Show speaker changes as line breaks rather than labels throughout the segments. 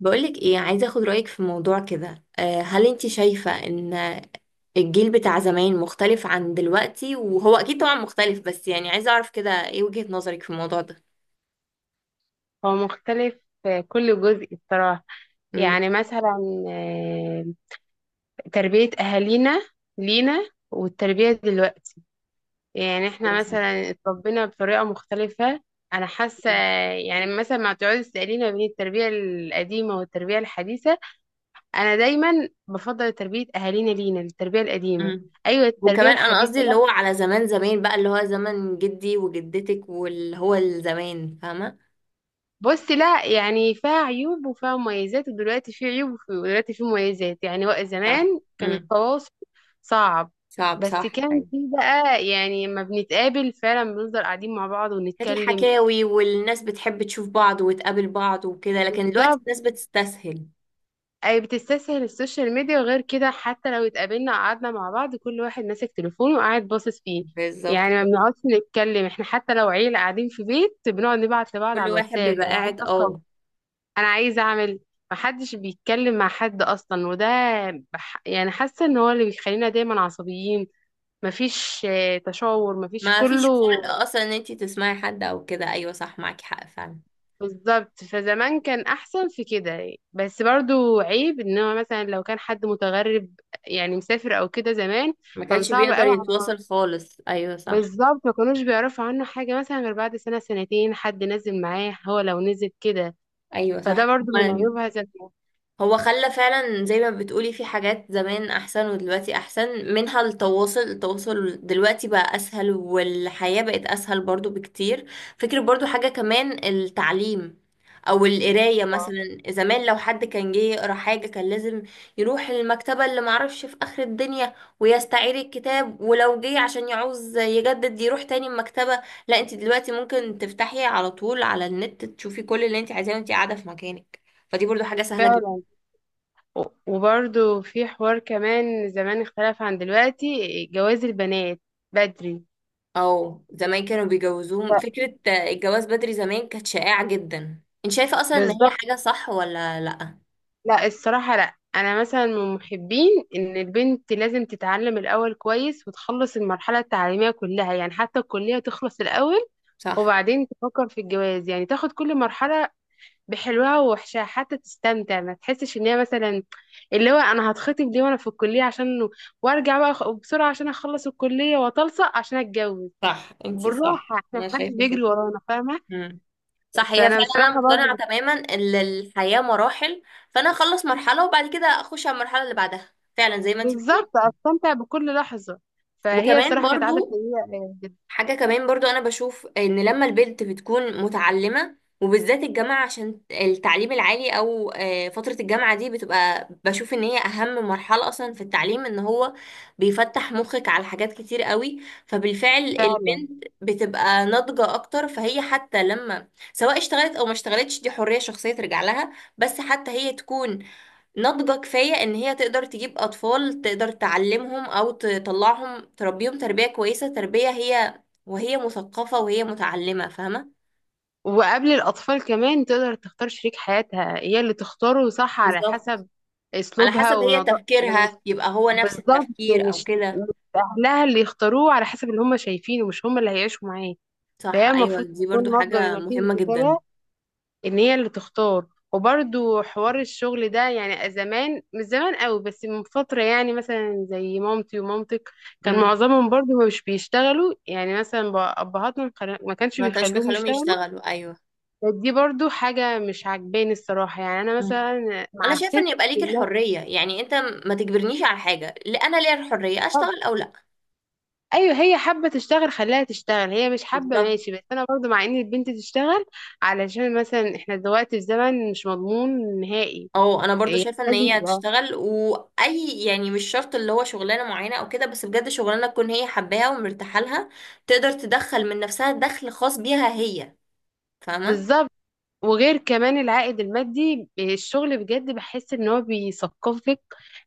بقولك ايه، عايزة اخد رأيك في موضوع كده. هل انت شايفة ان الجيل بتاع زمان مختلف عن دلوقتي؟ وهو اكيد طبعا مختلف، بس يعني عايزة اعرف كده ايه وجهة نظرك في الموضوع ده.
هو مختلف في كل جزء بصراحة.
امم.
يعني مثلا آه، تربية أهالينا لينا والتربية دلوقتي. يعني احنا مثلا اتربينا بطريقة مختلفة، أنا حاسة. يعني مثلا ما تقعدي تسأليني ما بين التربية القديمة والتربية الحديثة، أنا دايما بفضل تربية أهالينا لينا التربية القديمة.
مم.
أيوة، التربية
وكمان انا قصدي
الحديثة.
اللي هو على زمان زمان بقى، اللي هو زمن جدي وجدتك واللي هو الزمان، فاهمة؟
بص، لا يعني فيها عيوب وفيها مميزات، ودلوقتي في عيوب ودلوقتي في مميزات، يعني زمان
صح.
كان
مم.
التواصل صعب.
صعب،
بس
صح،
كان في
أيوة.
بقى، يعني لما بنتقابل فعلا بنفضل قاعدين مع بعض
كانت
ونتكلم.
الحكاوي والناس بتحب تشوف بعض وتقابل بعض وكده، لكن دلوقتي
بالظبط.
الناس بتستسهل.
اي، بتستسهل السوشيال ميديا، وغير كده حتى لو اتقابلنا قعدنا مع بعض كل واحد ماسك تليفونه وقاعد باصص فيه.
بالظبط
يعني ما
كده.
بنقعدش نتكلم احنا، حتى لو عيلة قاعدين في بيت بنقعد نبعت لبعض على
كل واحد
الواتساب،
بيبقى
انا عايزة
قاعد،
اشرب،
اه.
انا عايزه اعمل. محدش بيتكلم مع حد اصلا، وده يعني حاسه ان هو اللي بيخلينا دايما عصبيين. مفيش تشاور، مفيش
ما فيش
كله.
خلق اصلا ان انتي تسمعي حد او كده، ايوه صح، معاكي حق فعلا.
بالظبط، فزمان كان احسن في كده. بس برضو عيب ان هو مثلا لو كان حد متغرب يعني مسافر او كده زمان،
ما
كان
كانش
صعب
بيقدر
قوي على مصر.
يتواصل خالص، ايوه صح.
بالظبط، ما كانوش بيعرفوا عنه حاجه مثلا غير بعد سنه سنتين حد نزل معاه، هو لو نزل كده.
ايوه
فده
صح
برضو من
هما.
عيوبها ذات نفسها.
هو خلى فعلا زي ما بتقولي، في حاجات زمان احسن ودلوقتي احسن منها. التواصل، التواصل دلوقتي بقى اسهل، والحياة بقت اسهل برضو بكتير. فكرة برضو، حاجة كمان التعليم او القراية مثلا. زمان لو حد كان جه يقرا حاجة كان لازم يروح المكتبة اللي معرفش في اخر الدنيا ويستعير الكتاب، ولو جه عشان يعوز يجدد يروح تاني المكتبة. لا انت دلوقتي ممكن تفتحي على طول على النت، تشوفي كل اللي انت عايزاه وانت قاعدة في مكانك، فدي برضو حاجة سهلة جدا.
فعلا. وبرضو في حوار كمان زمان اختلف عن دلوقتي، جواز البنات بدري.
او زمان كانوا بيجوزوهم.
ف-
فكرة الجواز بدري زمان كانت شائعة جدا. انت شايفة اصلا ان هي
بالظبط.
حاجة صح ولا لأ؟
لا، الصراحة لا، أنا مثلا من محبين إن البنت لازم تتعلم الأول كويس وتخلص المرحلة التعليمية كلها، يعني حتى الكلية تخلص الأول
صح.
وبعدين تفكر في الجواز. يعني تاخد كل مرحلة بحلوها ووحشها حتى تستمتع، ما تحسش إن هي مثلا اللي هو أنا هتخطب ليه وأنا في الكلية عشان، وأرجع بقى بسرعة عشان أخلص الكلية وأتلصق عشان أتجوز.
صح، انتي
بالراحة،
صح،
احنا
انا
محدش
شايفة كده.
بيجري ورانا فاهمة.
مم. صح، هي
فأنا
فعلا
بصراحة
انا مقتنعة
برضه
تماما ان الحياة مراحل. فانا اخلص مرحلة وبعد كده اخش على المرحلة اللي بعدها، فعلا زي ما انتي بتقولي.
بالظبط أستمتع بكل لحظة. فهي
وكمان
صراحة كانت عادة
برضو
سيئة جدا.
حاجة كمان برضو، أنا بشوف إن لما البنت بتكون متعلمة، وبالذات الجامعة، عشان التعليم العالي أو فترة الجامعة دي، بتبقى بشوف إن هي أهم مرحلة أصلا في التعليم. إن هو بيفتح مخك على حاجات كتير قوي، فبالفعل
فعلا.
البنت بتبقى ناضجة أكتر. فهي حتى لما سواء اشتغلت أو ما اشتغلتش، دي حرية شخصية ترجع لها. بس حتى هي تكون ناضجة كفاية ان هي تقدر تجيب اطفال، تقدر تعلمهم او تطلعهم، تربيهم تربية كويسة، تربية هي وهي مثقفة وهي متعلمة، فاهمة.
وقبل الأطفال كمان تقدر تختار شريك حياتها، هي اللي تختاره، صح، على
بالظبط.
حسب
على
أسلوبها
حسب هي
ونضا يعني
تفكيرها، يبقى هو نفس
بالظبط،
التفكير او
مش
كده.
مش أهلها اللي يختاروه على حسب اللي هم شايفينه، مش هم اللي هيعيشوا معاه.
صح،
فهي
ايوه
المفروض
دي
تكون
برضو
ناضجة
حاجة
بما فيه
مهمة جدا.
الكفاية ان هي اللي تختار. وبرضو حوار الشغل ده، يعني زمان مش زمان قوي بس من فترة، يعني مثلا زي مامتي ومامتك كان
امم.
معظمهم برضو مش بيشتغلوا، يعني مثلا ابهاتنا ما كانش
ما كانش
بيخلوهم
بيخلوهم
يشتغلوا.
يشتغلوا، ايوه.
بس دي برضو حاجة مش عجباني الصراحة، يعني انا
مم.
مثلا
انا
مع
شايفة ان
الست.
يبقى ليك
لا،
الحرية، يعني انت ما تجبرنيش على حاجة. لا، انا ليا الحرية،
طب
اشتغل او لا.
ايوه هي حابة تشتغل خليها تشتغل، هي مش حابة
بالظبط.
ماشي، بس انا برضو مع ان البنت تشتغل، علشان مثلا احنا دلوقتي في زمن مش مضمون نهائي،
اه، انا برضو
يعني
شايفه ان
لازم
هي
يبقى
هتشتغل. واي يعني مش شرط اللي هو شغلانه معينه او كده، بس بجد شغلانه تكون هي حباها ومرتاحه لها. تقدر تدخل من نفسها دخل خاص بيها هي، فاهمه.
بالظبط. وغير كمان العائد المادي، الشغل بجد بحس ان هو بيثقفك،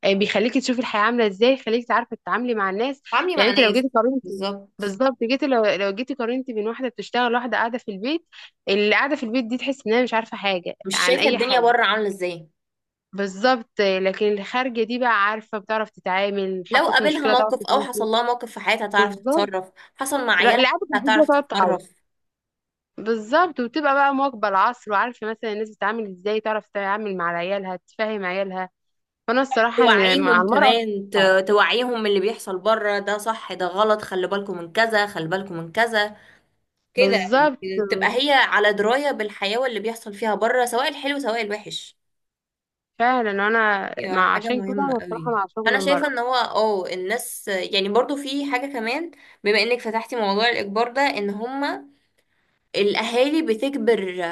بيخليكي تشوفي الحياة عاملة ازاي، خليكي تعرفي تتعاملي مع الناس.
تعاملي
يعني
مع
انت لو
ناس.
جيتي قارنتي،
بالظبط.
بالظبط، جيتي لو لو جيتي قارنتي بين واحدة بتشتغل واحدة قاعدة في البيت. اللي قاعدة في البيت دي تحس انها مش عارفة حاجة
مش
عن
شايفه
اي
الدنيا
حاجة.
بره عامله ازاي.
بالظبط، لكن الخارجة دي بقى عارفة، بتعرف تتعامل،
لو
حطيت
قابلها
مشكلة تعرف
موقف او
تتعامل
حصل
فيها.
لها موقف في حياتها هتعرف
بالظبط،
تتصرف، حصل مع
لا،
عيالها
اللي قاعدة في البيت دي
هتعرف
هتقعد تعيط.
تتصرف.
بالظبط، وتبقى بقى مواكبة العصر وعارفة مثلا الناس بتتعامل ازاي، تعرف تتعامل مع عيالها تفهم عيالها. فأنا الصراحة إن مع
توعيهم
المرأة
كمان،
بتتفاعل.
توعيهم من اللي بيحصل بره. ده صح ده غلط، خلي بالكم من كذا، خلي بالكم من كذا كده.
بالظبط،
تبقى هي على دراية بالحياة واللي بيحصل فيها بره، سواء الحلو سواء الوحش.
فعلا أنا
هي
مع،
حاجة
عشان كده
مهمة
أنا
قوي.
الصراحة مع شغل
أنا
المرأة.
شايفة إن هو الناس يعني برضو في حاجة كمان. بما إنك فتحتي موضوع الإجبار ده، إن هما الأهالي بتجبر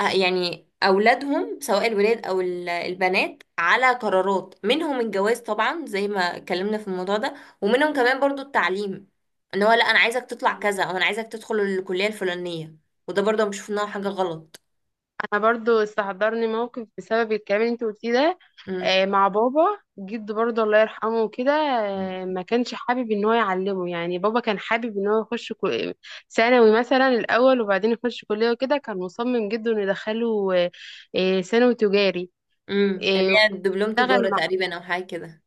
يعني أولادهم، سواء الولاد أو البنات، على قرارات منهم. الجواز طبعا زي ما اتكلمنا في الموضوع ده، ومنهم كمان برضو التعليم، إن هو لأ أنا عايزك تطلع كذا أو أنا عايزك تدخل الكلية الفلانية. وده برضه بشوف إنها حاجة غلط.
انا برضو استحضرني موقف بسبب الكلام اللي انت قلتيه ده،
امم.
مع بابا، جد برضو الله يرحمه وكده.
مم.
ما كانش حابب ان هو يعلمه، يعني بابا كان حابب ان هو يخش ثانوي مثلا الاول وبعدين يخش كلية وكده، كان مصمم جدا انه يدخله ثانوي تجاري،
امم، اللي
آه،
هي دبلوم
يشتغل
تجارة
مع،
تقريبا او حاجة كده.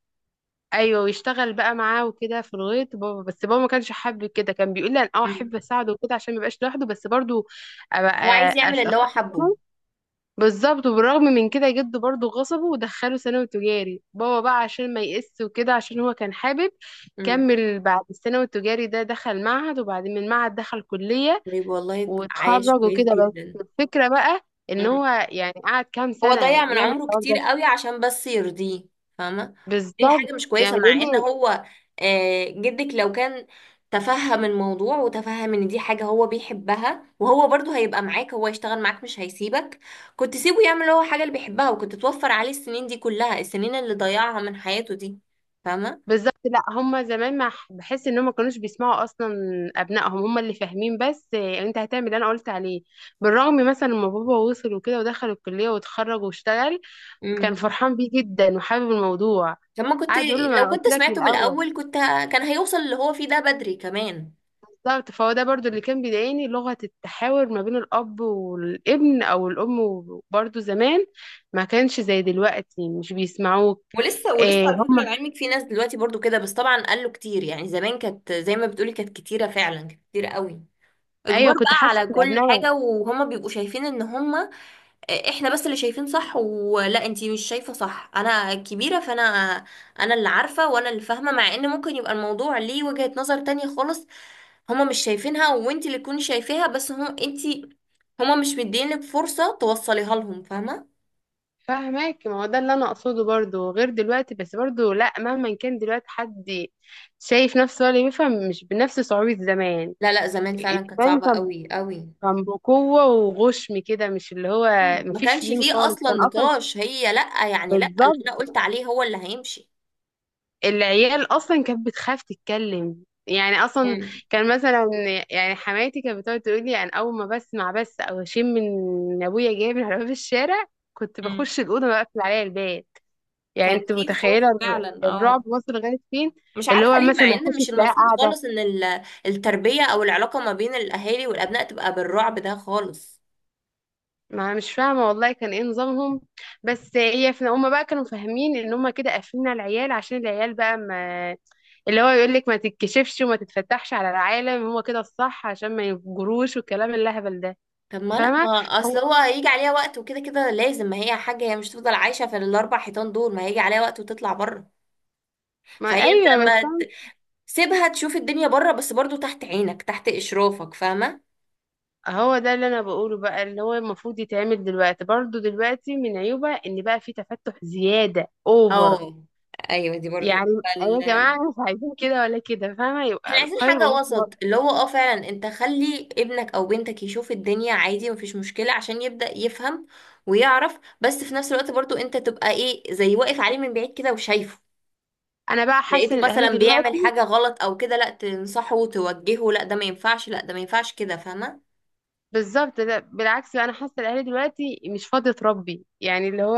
ايوه ويشتغل بقى معاه وكده في الغيط بابا، بس بابا ما كانش حابب كده، كان بيقول لي انا
امم.
احب اساعده وكده عشان ما يبقاش لوحده، بس برضو ابقى
هو عايز يعمل اللي هو
اخد.
حبه.
بالظبط، وبالرغم من كده جده برضه غصبه ودخله ثانوي تجاري بابا بقى عشان ما يقس وكده عشان هو كان حابب
امم.
كمل، بعد الثانوي التجاري ده دخل معهد وبعدين من معهد دخل كلية
طيب، والله عايش
واتخرج
كويس
وكده. بس
جدا.
الفكرة بقى ان
امم.
هو يعني قعد كام
هو
سنة
ضيع من
يعمل
عمره
الحوار
كتير
ده.
قوي عشان بس يرضيه، فاهمة. دي حاجة
بالظبط،
مش كويسة
يعني بيقول
مع ان
لي،
هو جدك لو كان تفهم الموضوع وتفهم ان دي حاجة هو بيحبها، وهو برضو هيبقى معاك، هو يشتغل معاك مش هيسيبك. كنت سيبه يعمل هو حاجة اللي بيحبها، وكنت توفر عليه السنين دي كلها، السنين اللي ضيعها من حياته دي، فاهمة.
بالظبط، لا هما زمان ما ح- بحس ان هما ما كانوش بيسمعوا اصلا ابنائهم، هما اللي فاهمين بس، إيه، انت هتعمل اللي انا قلت عليه. بالرغم مثلا لما بابا وصل وكده ودخل الكلية واتخرج واشتغل كان
مم.
فرحان بيه جدا وحابب الموضوع،
طب ما كنت،
قعد يقول له ما
لو
انا قلت
كنت
لك من
سمعته من
الاول.
الأول كنت كان هيوصل اللي هو فيه ده بدري كمان.
بالظبط، فهو ده برضو اللي كان بيضايقني، لغة التحاور ما بين الاب والابن او الام، برضو زمان ما كانش زي دلوقتي مش بيسمعوك.
ولسه ولسه،
إيه
على فكرة،
هم،
لعلمك، في ناس دلوقتي برضو كده، بس طبعا قالوا كتير يعني. زمان كانت زي ما بتقولي، كانت كتيرة فعلا، كانت كتيرة قوي.
ايوه
اجبار
كنت
بقى
حاسه
على
ان
كل
ابنائي،
حاجة، وهما بيبقوا شايفين ان هما احنا بس اللي شايفين صح. ولا انتي مش شايفة صح؟ انا كبيرة، فانا انا اللي عارفة وانا اللي فاهمة، مع ان ممكن يبقى الموضوع ليه وجهة نظر تانية خالص، هما مش شايفينها وانت اللي تكوني شايفاها. بس هم انت، هما مش مدينك فرصة توصليها لهم، فاهمة.
فاهمك. ما هو ده اللي انا اقصده برضو، غير دلوقتي بس برضو لا، مهما كان دلوقتي حد شايف نفسه ولا بيفهم، مش بنفس صعوبة زمان.
لا لا، زمان فعلا كانت
زمان
صعبة
كان
قوي قوي.
كان بقوة وغشم كده، مش اللي هو
مم. ما
مفيش
كانش
لين
فيه
خالص
اصلا
كان اصلا.
نقاش، هي لا يعني، لا، اللي
بالظبط،
انا قلت عليه هو اللي هيمشي.
العيال اصلا كانت بتخاف تتكلم يعني اصلا،
مم.
كان مثلا يعني حماتي كانت بتقعد تقول لي انا اول ما بسمع بس او اشم من ابويا جاي من على باب الشارع كنت
مم.
بخش الاوضه بقفل عليا الباب. يعني
كان
انت
في خوف
متخيله
فعلا، اه.
الرعب وصل لغايه فين؟
مش
اللي
عارفة
هو
ليه، ليه،
مثلا
مع
ما
ان مش
يخشش، لا
المفروض
قاعده،
خالص ان التربية او العلاقة ما بين الاهالي والابناء تبقى بالرعب ده خالص.
ما أنا مش فاهمة والله كان ايه نظامهم. بس هي في هما بقى كانوا فاهمين ان هما كده قافلين على العيال عشان العيال بقى، ما اللي هو يقول لك ما تتكشفش وما تتفتحش على العالم هو كده الصح عشان ما يفجروش، والكلام اللهبل ده.
طب ما لا، ما
فاهمه.
اصل
هو
هو هيجي عليها وقت، وكده كده لازم. ما هي حاجه، هي مش تفضل عايشه في الاربع حيطان دول، ما هيجي عليها وقت وتطلع بره.
ما
فهي انت
ايوه، بس
لما سيبها تشوف الدنيا بره، بس برضو تحت عينك، تحت اشرافك، فاهمه.
هو ده اللي انا بقوله بقى، اللي هو المفروض يتعمل دلوقتي برضو، دلوقتي من عيوبها ان بقى في تفتح زياده اوفر.
اه. ايوه دي برضو
يعني أيوة يا جماعه، مش عايزين كده ولا كده فاهمه،
احنا
يبقى
عايزين
خير
حاجه
الامور
وسط،
الوسط.
اللي هو اه فعلا، انت خلي ابنك او بنتك يشوف الدنيا عادي، مفيش مشكله عشان يبدا يفهم ويعرف، بس في نفس الوقت برضو انت تبقى ايه، زي واقف عليه من بعيد كده وشايفه.
انا بقى حاسه
لقيته
ان الاهالي
مثلا بيعمل
دلوقتي،
حاجة غلط او كده، لا تنصحه وتوجهه، لا ده ما ينفعش، لا ده ما ينفعش كده، فاهمة.
بالظبط، لا، بالعكس، لا انا حاسه الاهالي دلوقتي مش فاضيه تربي، يعني اللي هو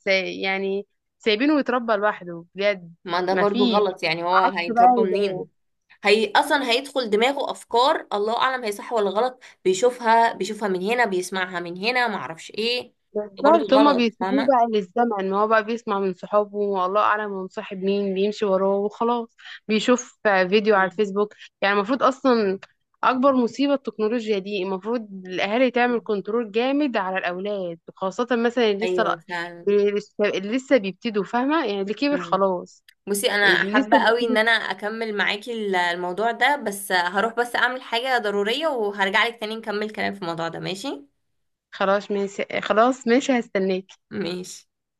يعني سايبينه يتربى لوحده بجد.
ما ده برضو
مفيش
غلط، يعني هو
عكس
هيتربى
بقى زمان.
منين؟ هي اصلا هيدخل دماغه افكار الله اعلم هي صح ولا غلط. بيشوفها بيشوفها من هنا، بيسمعها من هنا، ما اعرفش ايه. برضو
بالظبط، هما
غلط،
بيسيبوه
فاهمة.
بقى للزمن، ما هو بقى بيسمع من صحابه والله اعلم هو مصاحب مين بيمشي وراه وخلاص، بيشوف فيديو على
مم.
الفيسبوك. يعني المفروض اصلا، اكبر مصيبة التكنولوجيا دي، المفروض الاهالي تعمل كنترول جامد على الاولاد، خاصة مثلا اللي
ايوه فعلا.
لسه اللي لسه بيبتدوا فاهمة، يعني اللي كبر
مم.
خلاص.
بصي، انا
اللي
حابة
لسه
قوي ان
بيبتدوا،
انا اكمل معاكي الموضوع ده، بس هروح بس اعمل حاجة ضرورية وهرجع لك تاني نكمل كلام في الموضوع ده، ماشي؟
خلاص ماشي، خلاص ماشي، هستناك.
ماشي.